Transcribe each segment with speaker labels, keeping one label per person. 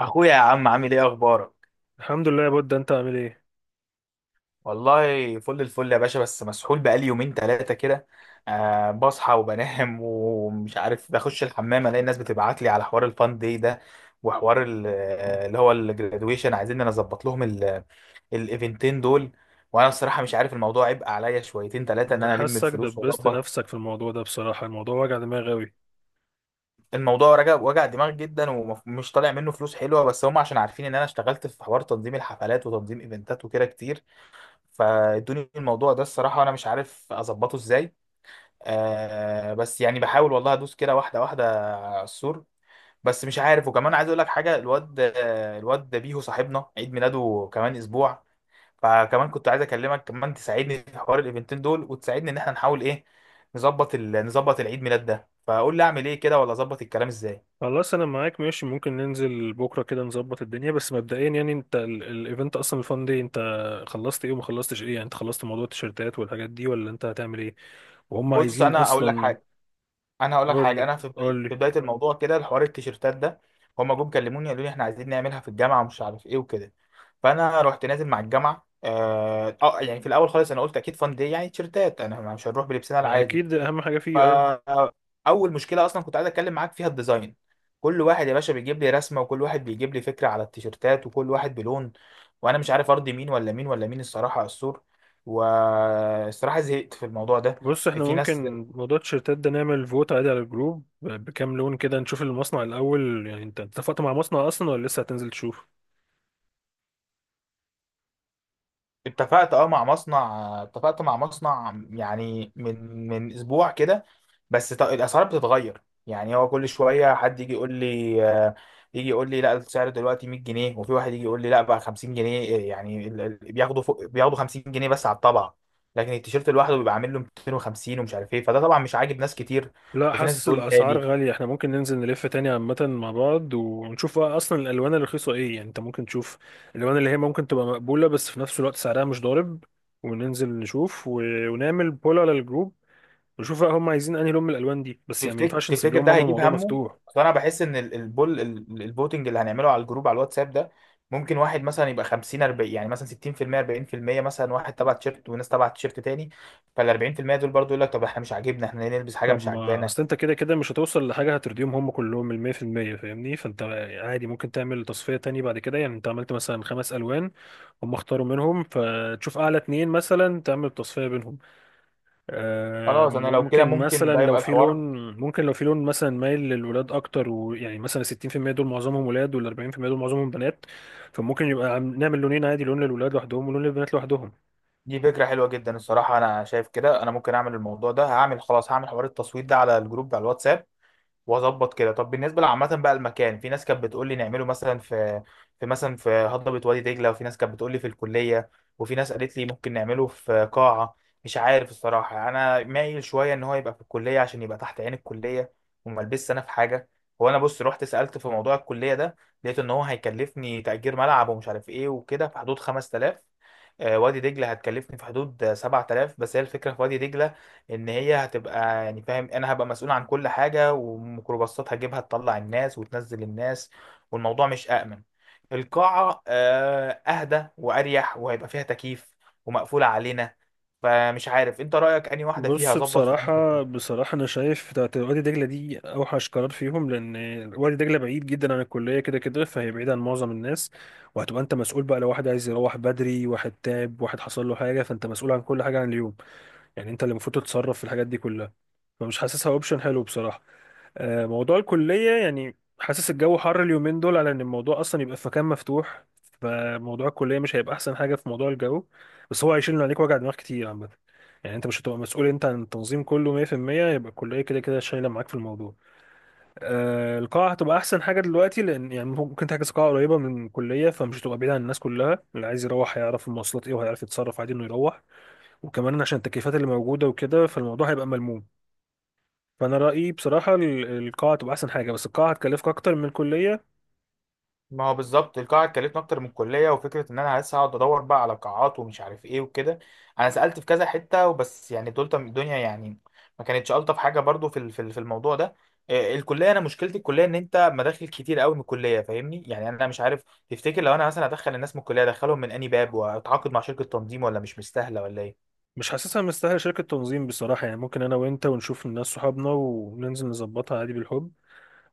Speaker 1: اخويا يا عم، عامل ايه؟ اخبارك؟
Speaker 2: الحمد لله يا بود، انت عامل ايه؟
Speaker 1: والله فل الفل يا باشا. بس مسحول بقالي يومين ثلاثه كده. بصحى وبنام ومش عارف، بخش الحمام الاقي الناس بتبعت لي على حوار الفان داي ده وحوار اللي هو الجرادويشن. عايزين انا اظبط لهم الايفنتين دول. وانا الصراحه مش عارف. الموضوع عبء عليا شويتين ثلاثه ان
Speaker 2: انا
Speaker 1: انا الم
Speaker 2: حاسك
Speaker 1: الفلوس
Speaker 2: دبست
Speaker 1: واظبط.
Speaker 2: نفسك في الموضوع ده. بصراحة الموضوع وجع دماغ قوي.
Speaker 1: الموضوع رجع وجع دماغ جدا، ومش طالع منه فلوس حلوه، بس هم عشان عارفين ان انا اشتغلت في حوار تنظيم الحفلات وتنظيم ايفنتات وكده كتير فادوني الموضوع ده. الصراحة أنا مش عارف أظبطه إزاي. بس يعني بحاول والله أدوس كده واحدة واحدة على السور. بس مش عارف. وكمان عايز أقول لك حاجة، الواد الواد بيهو صاحبنا عيد ميلاده كمان أسبوع. فكمان كنت عايز أكلمك كمان تساعدني في حوار الإيفنتين دول، وتساعدني إن إحنا نحاول إيه، نظبط العيد ميلاد ده. فقول لي أعمل إيه كده؟ ولا أظبط الكلام إزاي؟
Speaker 2: خلاص، انا معاك ماشي. ممكن ننزل بكرة كده نظبط الدنيا. بس مبدئيا يعني انت الايفنت اصلا الفان دي، انت خلصت ايه وما خلصتش ايه؟ يعني انت خلصت موضوع التيشيرتات والحاجات دي ولا انت هتعمل ايه؟ وهم
Speaker 1: بص
Speaker 2: عايزين
Speaker 1: أنا أقول لك
Speaker 2: اصلا؟
Speaker 1: حاجة. انا هقول لك
Speaker 2: قول
Speaker 1: حاجه.
Speaker 2: لي
Speaker 1: انا في بدايه
Speaker 2: قول
Speaker 1: في
Speaker 2: لي.
Speaker 1: بدايه الموضوع كده الحوار التيشيرتات ده. هما جم كلموني قالوا لي احنا عايزين نعملها في الجامعه ومش عارف ايه وكده. فانا رحت نازل مع الجامعه. يعني في الاول خالص انا قلت اكيد فان دي يعني تيشيرتات، انا مش هنروح بلبسنا
Speaker 2: ما
Speaker 1: العادي.
Speaker 2: اكيد اهم حاجة فيه، اه.
Speaker 1: فاول مشكله اصلا كنت عايز اتكلم معاك فيها الديزاين. كل واحد يا باشا بيجيب لي رسمه، وكل واحد بيجيب لي فكره على التيشيرتات، وكل واحد بلون. وانا مش عارف ارضي مين ولا مين ولا مين الصراحه على السور. والصراحه زهقت في الموضوع ده.
Speaker 2: بص احنا
Speaker 1: في
Speaker 2: ممكن
Speaker 1: ناس
Speaker 2: موضوع التيشيرتات ده نعمل فوت عادي على الجروب بكام لون كده. نشوف المصنع الاول. يعني انت اتفقت مع مصنع اصلا ولا لسه هتنزل تشوف؟
Speaker 1: اتفقت مع مصنع يعني من اسبوع كده. بس الاسعار بتتغير. يعني هو كل شويه حد يجي يقول لي لا، السعر دلوقتي 100 جنيه. وفي واحد يجي يقول لي لا، بقى 50 جنيه. إيه يعني؟ بياخدوا فوق، بياخدوا 50 جنيه بس على الطبعه. لكن التيشيرت لوحده بيبقى عامل له 250 ومش عارف ايه. فده طبعا مش عاجب ناس كتير،
Speaker 2: لا،
Speaker 1: وفي ناس
Speaker 2: حاسس
Speaker 1: بتقول
Speaker 2: الاسعار
Speaker 1: غالي.
Speaker 2: غاليه. احنا ممكن ننزل نلف تاني عامه مع بعض ونشوف بقى اصلا الالوان الرخيصه ايه. يعني انت ممكن تشوف الالوان اللي هي ممكن تبقى مقبوله بس في نفس الوقت سعرها مش ضارب، وننزل نشوف ونعمل بول على الجروب، ونشوف بقى هم عايزين انهي لون من الالوان دي. بس يعني ما
Speaker 1: تفتكر
Speaker 2: ينفعش نسيب
Speaker 1: تفتكر
Speaker 2: لهم
Speaker 1: ده
Speaker 2: هم
Speaker 1: هيجيب
Speaker 2: الموضوع
Speaker 1: همه؟
Speaker 2: مفتوح.
Speaker 1: اصل انا بحس ان البول الفوتنج اللي هنعمله على الجروب على الواتساب ده، ممكن واحد مثلا يبقى 50 40، يعني مثلا 60% 40%، مثلا واحد تبع تيشيرت وناس تبع تيشيرت تاني. فال 40% دول برضو يقول لك طب احنا مش عاجبنا، احنا ليه نلبس حاجه
Speaker 2: طب
Speaker 1: مش
Speaker 2: ما
Speaker 1: عاجبانا؟
Speaker 2: اصل انت كده كده مش هتوصل لحاجه هترضيهم هم كلهم ال 100%، فاهمني؟ فانت عادي ممكن تعمل تصفيه تاني بعد كده. يعني انت عملت مثلا خمس الوان، هم اختاروا منهم، فتشوف اعلى اتنين مثلا تعمل تصفيه بينهم.
Speaker 1: خلاص انا لو كده
Speaker 2: ممكن
Speaker 1: ممكن
Speaker 2: مثلا
Speaker 1: ده
Speaker 2: لو
Speaker 1: يبقى
Speaker 2: في لون،
Speaker 1: الحوار.
Speaker 2: ممكن لو في لون مثلا مايل للولاد اكتر، ويعني مثلا 60% دول معظمهم ولاد، وال 40% دول معظمهم بنات. فممكن يبقى نعمل لونين عادي، لون للولاد لوحدهم ولون للبنات لوحدهم.
Speaker 1: دي فكره حلوه جدا الصراحه. انا شايف كده انا ممكن اعمل الموضوع ده. هعمل خلاص، هعمل حوار التصويت ده على الجروب على الواتساب واظبط كده. طب بالنسبه لعامه بقى المكان، في ناس كانت بتقول لي نعمله مثلا في هضبه وادي دجله، وفي ناس كانت بتقول لي في الكليه، وفي ناس قالت لي ممكن نعمله في قاعه. مش عارف الصراحه. يعني انا مايل شويه ان هو يبقى في الكليه عشان يبقى تحت عين الكليه، وما البسش انا في حاجه. هو انا بص رحت سالت في موضوع الكليه ده، لقيت ان هو هيكلفني تاجير ملعب ومش عارف ايه وكده في حدود 5000. وادي دجله هتكلفني في حدود 7000. بس هي الفكره في وادي دجله ان هي هتبقى، يعني فاهم، انا هبقى مسؤول عن كل حاجه، وميكروباصات هجيبها تطلع الناس وتنزل الناس، والموضوع مش امن. القاعه اهدى واريح وهيبقى فيها تكييف ومقفوله علينا. فمش عارف انت رايك انهي واحده؟ فيها
Speaker 2: بص،
Speaker 1: اظبط في انهي
Speaker 2: بصراحة
Speaker 1: حته؟
Speaker 2: بصراحة أنا شايف بتاعت وادي دجلة دي أوحش قرار فيهم، لأن وادي دجلة بعيد جدا عن الكلية كده كده، فهي بعيدة عن معظم الناس. وهتبقى أنت مسؤول بقى، لو واحد عايز يروح بدري، واحد تعب، واحد حصل له حاجة، فأنت مسؤول عن كل حاجة، عن اليوم. يعني انت اللي المفروض تتصرف في الحاجات دي كلها. فمش حاسسها اوبشن حلو بصراحه. موضوع الكليه، يعني حاسس الجو حر اليومين دول على ان الموضوع اصلا يبقى في مكان مفتوح. فموضوع الكليه مش هيبقى احسن حاجه في موضوع الجو. بس هو هيشيل من عليك وجع دماغ كتير عامه. يعني انت مش هتبقى مسؤول انت عن التنظيم كله 100%. يبقى الكليه كده كده شايله معاك في الموضوع. القاعه هتبقى احسن حاجه دلوقتي، لان يعني ممكن تحجز قاعه قريبه من الكليه فمش هتبقى بعيد عن الناس كلها. اللي عايز يروح هيعرف المواصلات ايه، وهيعرف يتصرف عادي انه يروح. وكمان عشان التكييفات اللي موجودة وكده، فالموضوع هيبقى ملموم. فأنا رأيي بصراحة القاعة تبقى أحسن حاجة، بس القاعة هتكلفك أكتر من الكلية.
Speaker 1: ما هو بالظبط القاعة اتكلفنا أكتر من الكلية، وفكرة إن أنا لسه هقعد أدور بقى على قاعات ومش عارف إيه وكده. أنا سألت في كذا حتة، وبس يعني دول الدنيا يعني ما كانتش ألطف حاجة برضو في في الموضوع ده. الكلية، أنا مشكلتي الكلية إن أنت مداخل كتير قوي من الكلية، فاهمني؟ يعني أنا مش عارف. تفتكر لو أنا مثلا أدخل الناس من الكلية أدخلهم من أنهي باب، وأتعاقد مع شركة تنظيم، ولا مش مستاهلة ولا إيه؟
Speaker 2: مش حاسسها مستاهلة شركة تنظيم بصراحة. يعني ممكن أنا وأنت ونشوف الناس صحابنا وننزل نظبطها عادي بالحب،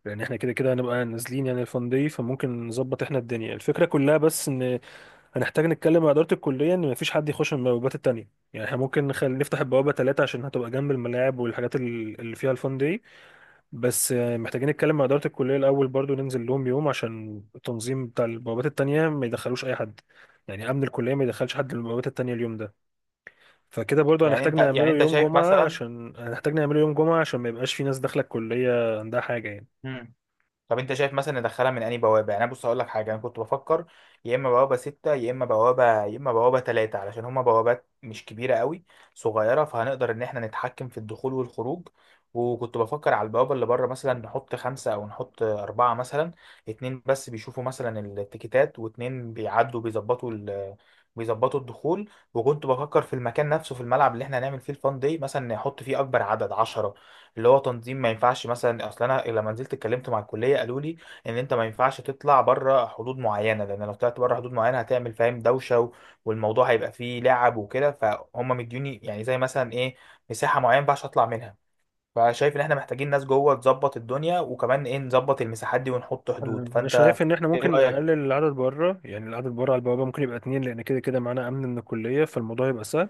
Speaker 2: لأن إحنا كده كده هنبقى نازلين يعني الفان دي. فممكن نظبط إحنا الدنيا الفكرة كلها. بس إن هنحتاج نتكلم مع إدارة الكلية إن مفيش حد يخش من البوابات التانية. يعني إحنا ممكن نفتح البوابة تلاتة عشان هتبقى جنب الملاعب والحاجات اللي فيها الفان دي. بس محتاجين نتكلم مع إدارة الكلية الأول برضو، ننزل لهم يوم عشان التنظيم بتاع البوابات التانية ما يدخلوش أي حد. يعني أمن الكلية ما يدخلش حد للبوابات التانية اليوم ده. فكده برضو
Speaker 1: يعني
Speaker 2: هنحتاج
Speaker 1: أنت يعني
Speaker 2: نعمله
Speaker 1: أنت
Speaker 2: يوم
Speaker 1: شايف
Speaker 2: جمعة،
Speaker 1: مثلا؟
Speaker 2: عشان ما يبقاش في ناس داخلة الكلية عندها حاجة يعني.
Speaker 1: طب انت شايف مثلا ندخلها من انهي بوابه؟ يعني انا بص هقول لك حاجه، انا كنت بفكر يا اما بوابه ستة، يا اما بوابه ثلاثة، علشان هما بوابات مش كبيره قوي، صغيره، فهنقدر ان احنا نتحكم في الدخول والخروج. وكنت بفكر على البوابه اللي بره مثلا نحط خمسه او نحط اربعه، مثلا اتنين بس بيشوفوا مثلا التيكيتات، واتنين بيعدوا بيظبطوا الدخول. وكنت بفكر في المكان نفسه في الملعب اللي احنا هنعمل فيه الفان دي، مثلا نحط فيه اكبر عدد 10، اللي هو تنظيم. ما ينفعش مثلا، اصل انا لما نزلت اتكلمت مع الكليه قالوا لي ان انت ما ينفعش تطلع بره حدود معينه، لان لو طلعت بره حدود معينه هتعمل، فاهم، دوشه والموضوع هيبقى فيه لعب وكده، فهم مديوني يعني زي مثلا ايه، مساحه معينه ما ينفعش اطلع منها. فشايف ان احنا محتاجين ناس جوه تظبط الدنيا، وكمان ايه، نظبط المساحات دي ونحط
Speaker 2: أنا
Speaker 1: حدود.
Speaker 2: أنا
Speaker 1: فانت
Speaker 2: شايف إن إحنا
Speaker 1: ايه
Speaker 2: ممكن
Speaker 1: رايك؟
Speaker 2: نقلل العدد بره. يعني العدد بره على البوابة ممكن يبقى اتنين، لأن كده كده معانا أمن من الكلية فالموضوع يبقى سهل.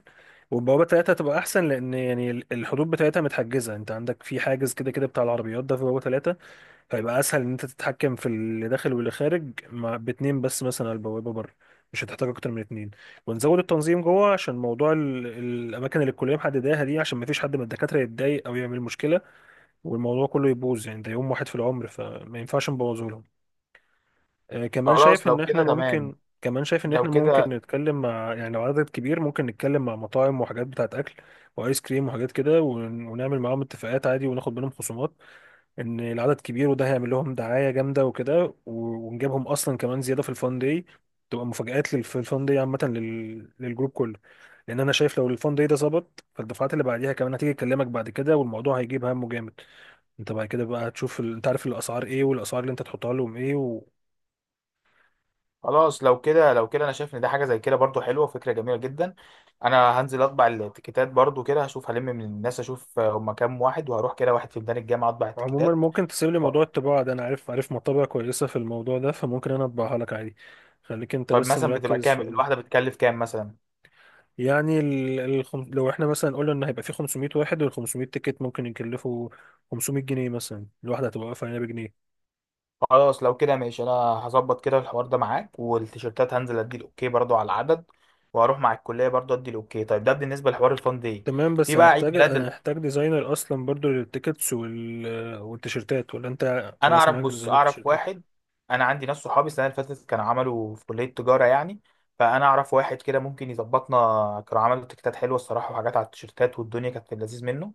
Speaker 2: والبوابة تلاتة هتبقى أحسن، لأن يعني الحدود بتاعتها متحجزة. أنت عندك في حاجز كده كده بتاع العربيات ده في بوابة تلاتة. فيبقى اسهل ان انت تتحكم في اللي داخل واللي خارج. مع باتنين بس مثلا على البوابه بره، مش هتحتاج اكتر من اتنين. ونزود التنظيم جوه عشان موضوع الاماكن اللي الكليه محدداها دي، عشان ما فيش حد من الدكاتره يتضايق او يعمل مشكله والموضوع كله يبوظ. يعني ده يوم واحد في العمر فما ينفعش نبوظه لهم. آه كمان شايف
Speaker 1: خلاص لو
Speaker 2: ان احنا
Speaker 1: كده تمام.
Speaker 2: ممكن كمان شايف ان
Speaker 1: لو
Speaker 2: احنا ممكن
Speaker 1: كده
Speaker 2: نتكلم مع، يعني لو عدد كبير، ممكن نتكلم مع مطاعم وحاجات بتاعت اكل وايس كريم وحاجات كده ونعمل معاهم اتفاقات عادي وناخد منهم خصومات. ان العدد كبير وده هيعمل لهم دعايه جامده وكده ونجيبهم اصلا كمان زياده في الفان داي. تبقى مفاجآت في الفان داي عامه للجروب كله. لان انا شايف لو الفان داي ده ظبط، فالدفعات اللي بعديها كمان هتيجي تكلمك بعد كده، والموضوع هيجيب همه جامد. انت بعد كده بقى هتشوف انت عارف الاسعار ايه، والاسعار اللي انت تحطها لهم ايه
Speaker 1: خلاص. لو كده، لو كده، انا شايف ان ده حاجه زي كده برضو حلوه وفكره جميله جدا. انا هنزل اطبع التيكيتات برضو كده. هشوف هلم من الناس اشوف هم كام واحد، وهروح كده واحد في ميدان الجامعه اطبع
Speaker 2: وعموما
Speaker 1: التيكيتات
Speaker 2: ممكن تسيب لي
Speaker 1: و-
Speaker 2: موضوع الطباعه ده. انا عارف مطابع كويسه في الموضوع ده، فممكن انا اطبعها لك عادي. خليك انت
Speaker 1: طيب
Speaker 2: بس
Speaker 1: مثلا بتبقى
Speaker 2: مركز
Speaker 1: كام
Speaker 2: في.
Speaker 1: الواحده؟ بتكلف كام مثلا؟
Speaker 2: يعني لو احنا مثلا قلنا ان هيبقى في 500 واحد، وال 500 تيكت ممكن يكلفوا 500 جنيه مثلا، الواحده هتبقى واقفه هنا بجنيه.
Speaker 1: خلاص لو كده ماشي. انا هظبط كده الحوار ده معاك. والتيشيرتات هنزل ادي الاوكي برضو على العدد، وهروح مع الكليه برضو ادي الاوكي. طيب ده بالنسبه لحوار الفان دي،
Speaker 2: تمام،
Speaker 1: في
Speaker 2: بس
Speaker 1: بقى عيد
Speaker 2: هنحتاج
Speaker 1: ميلاد.
Speaker 2: هنحتاج ديزاينر اصلا برضو للتيكتس والتيشيرتات، ولا انت
Speaker 1: انا
Speaker 2: خلاص
Speaker 1: اعرف،
Speaker 2: معاك
Speaker 1: بص
Speaker 2: ديزاينر
Speaker 1: اعرف
Speaker 2: التيشيرتات؟
Speaker 1: واحد. انا عندي ناس صحابي السنه اللي فاتت كانوا عملوا في كليه تجاره يعني، فانا اعرف واحد كده ممكن يظبطنا. كانوا عملوا تيكتات حلوه الصراحه، وحاجات على التيشيرتات، والدنيا كانت في اللذيذ منه.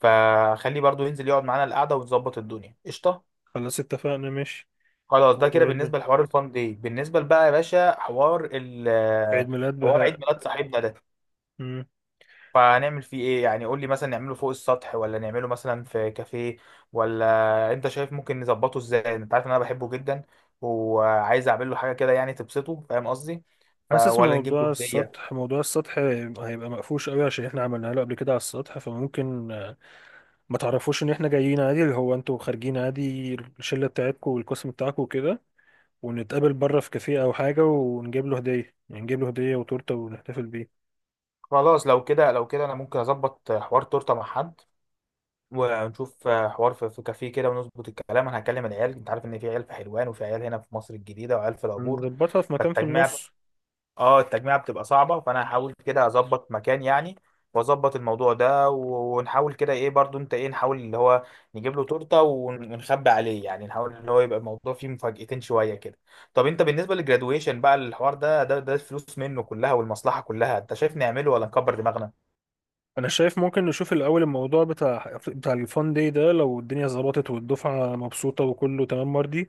Speaker 1: فخليه برضو ينزل يقعد معانا القعده ونظبط الدنيا قشطه.
Speaker 2: خلاص اتفقنا ماشي.
Speaker 1: خلاص ده كده
Speaker 2: وعيد ميلاد
Speaker 1: بالنسبه لحوار الفان دي. بالنسبه بقى يا باشا حوار ال
Speaker 2: عيد ميلاد
Speaker 1: حوار عيد
Speaker 2: بهاء.
Speaker 1: ميلاد صاحبنا ده،
Speaker 2: مم.
Speaker 1: فهنعمل فيه ايه يعني؟ قول لي مثلا نعمله فوق السطح، ولا نعمله مثلا في كافيه، ولا انت شايف ممكن نظبطه ازاي؟ انت عارف ان انا بحبه جدا وعايز اعمل له حاجه كده يعني تبسطه، فاهم قصدي؟
Speaker 2: حاسس
Speaker 1: ولا نجيب له
Speaker 2: موضوع
Speaker 1: هديه.
Speaker 2: السطح، موضوع السطح هيبقى مقفوش قوي عشان احنا عملناه له قبل كده على السطح. فممكن ما تعرفوش ان احنا جايين عادي، اللي هو انتوا خارجين عادي الشله بتاعتكم والقسم بتاعكم وكده، ونتقابل بره في كافيه او حاجه، ونجيب له هديه. يعني نجيب له هديه وتورته، ونحتفل بيه.
Speaker 1: خلاص لو كده، لو كده انا ممكن اظبط حوار تورته مع حد، ونشوف حوار في في كافيه كده، ونظبط الكلام. انا هكلم العيال. انت عارف ان في عيال في حلوان، وفي عيال هنا في مصر الجديده، وعيال في العبور،
Speaker 2: هنظبطها في مكان في
Speaker 1: فالتجميع،
Speaker 2: النص.
Speaker 1: اه التجميعة بتبقى صعبة. فانا هحاول كده اظبط مكان يعني، واظبط الموضوع ده ونحاول كده ايه برضو. انت ايه؟ نحاول اللي هو نجيب له تورتة، ونخبي عليه. يعني نحاول ان هو يبقى الموضوع فيه مفاجأتين شوية كده. طب انت بالنسبة للجرادويشن بقى الحوار ده، الفلوس منه كلها والمصلحة كلها، انت شايف نعمله ولا نكبر دماغنا؟
Speaker 2: انا شايف ممكن نشوف الاول الموضوع بتاع الفان داي ده. لو الدنيا ظبطت والدفعه مبسوطه وكله تمام مرضي،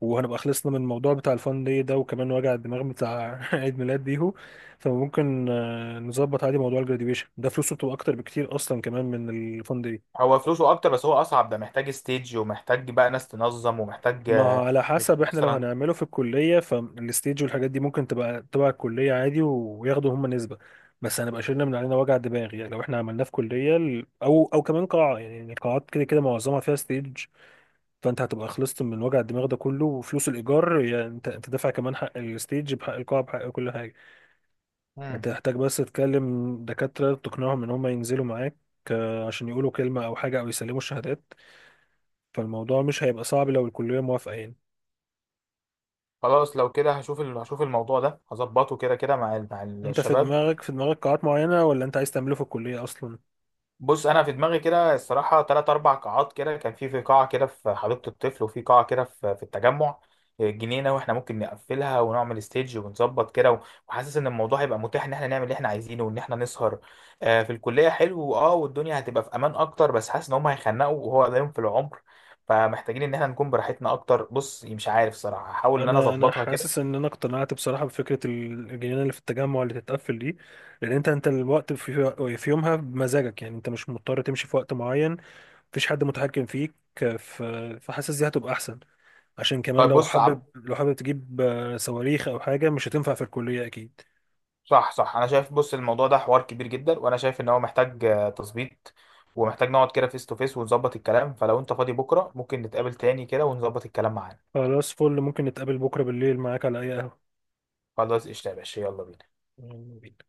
Speaker 2: وهنبقى خلصنا من الموضوع بتاع الفان داي ده، وكمان وجع الدماغ بتاع عيد ميلاد بيهو، فممكن نظبط عادي موضوع الجراديويشن ده. فلوسه بتبقى اكتر بكتير اصلا كمان من الفان داي.
Speaker 1: هو فلوسه اكتر بس هو اصعب. ده محتاج ستيج ومحتاج بقى ناس تنظم ومحتاج،
Speaker 2: ما هو على
Speaker 1: نشوف
Speaker 2: حسب، احنا لو
Speaker 1: مثلا.
Speaker 2: هنعمله في الكلية فالستيج والحاجات دي ممكن تبقى تبع الكلية عادي وياخدوا هم نسبة. بس هنبقى شلنا من علينا وجع دماغ. يعني لو احنا عملناه في كلية او كمان قاعة، يعني القاعات كده كده معظمها فيها ستيج. فانت هتبقى خلصت من وجع الدماغ ده كله. وفلوس الايجار يعني انت دافع كمان حق الستيج بحق القاعة بحق كل حاجة.
Speaker 1: مم.
Speaker 2: هتحتاج بس تكلم دكاترة تقنعهم ان هم ينزلوا معاك، عشان يقولوا كلمة او حاجة او يسلموا الشهادات. فالموضوع مش هيبقى صعب لو الكلية موافقة يعني.
Speaker 1: خلاص لو كده هشوف الموضوع ده هظبطه كده كده مع مع
Speaker 2: انت في
Speaker 1: الشباب.
Speaker 2: دماغك في دماغك قاعات معينة، ولا انت عايز تعمله في الكلية اصلا؟
Speaker 1: بص انا في دماغي كده الصراحه ثلاث اربع قاعات كده. كان في قاعه كده في حديقه الطفل، وفي قاعه كده في التجمع، جنينه، واحنا ممكن نقفلها ونعمل ستيج ونظبط كده وحاسس ان الموضوع هيبقى متاح ان احنا نعمل اللي احنا عايزينه وان احنا نسهر. في الكليه حلو اه، والدنيا هتبقى في امان اكتر، بس حاسس ان هم هيخنقوا وهو قدامهم في العمر، فمحتاجين ان احنا نكون براحتنا اكتر. بص مش عارف صراحه. هحاول ان انا
Speaker 2: انا
Speaker 1: اظبطها كده.
Speaker 2: حاسس ان انا اقتنعت بصراحة بفكرة الجنينة اللي في التجمع اللي تتقفل دي. لان انت الوقت في يومها بمزاجك، يعني انت مش مضطر تمشي في وقت معين. مفيش حد متحكم فيك. ف- فحاسس دي هتبقى احسن. عشان كمان
Speaker 1: طيب بص
Speaker 2: لو حابب تجيب صواريخ او حاجة، مش هتنفع في الكلية اكيد.
Speaker 1: صح صح. انا شايف بص الموضوع ده حوار كبير جدا، وانا شايف ان هو محتاج تظبيط، ومحتاج نقعد كده فيس تو فيس ونظبط الكلام. فلو انت فاضي بكره ممكن نتقابل تاني كده ونظبط الكلام معانا.
Speaker 2: خلاص فل، ممكن نتقابل بكرة بالليل معاك على اي قهوة.
Speaker 1: خلاص قشطة يا باشا. يلا بينا.
Speaker 2: يلا بينا.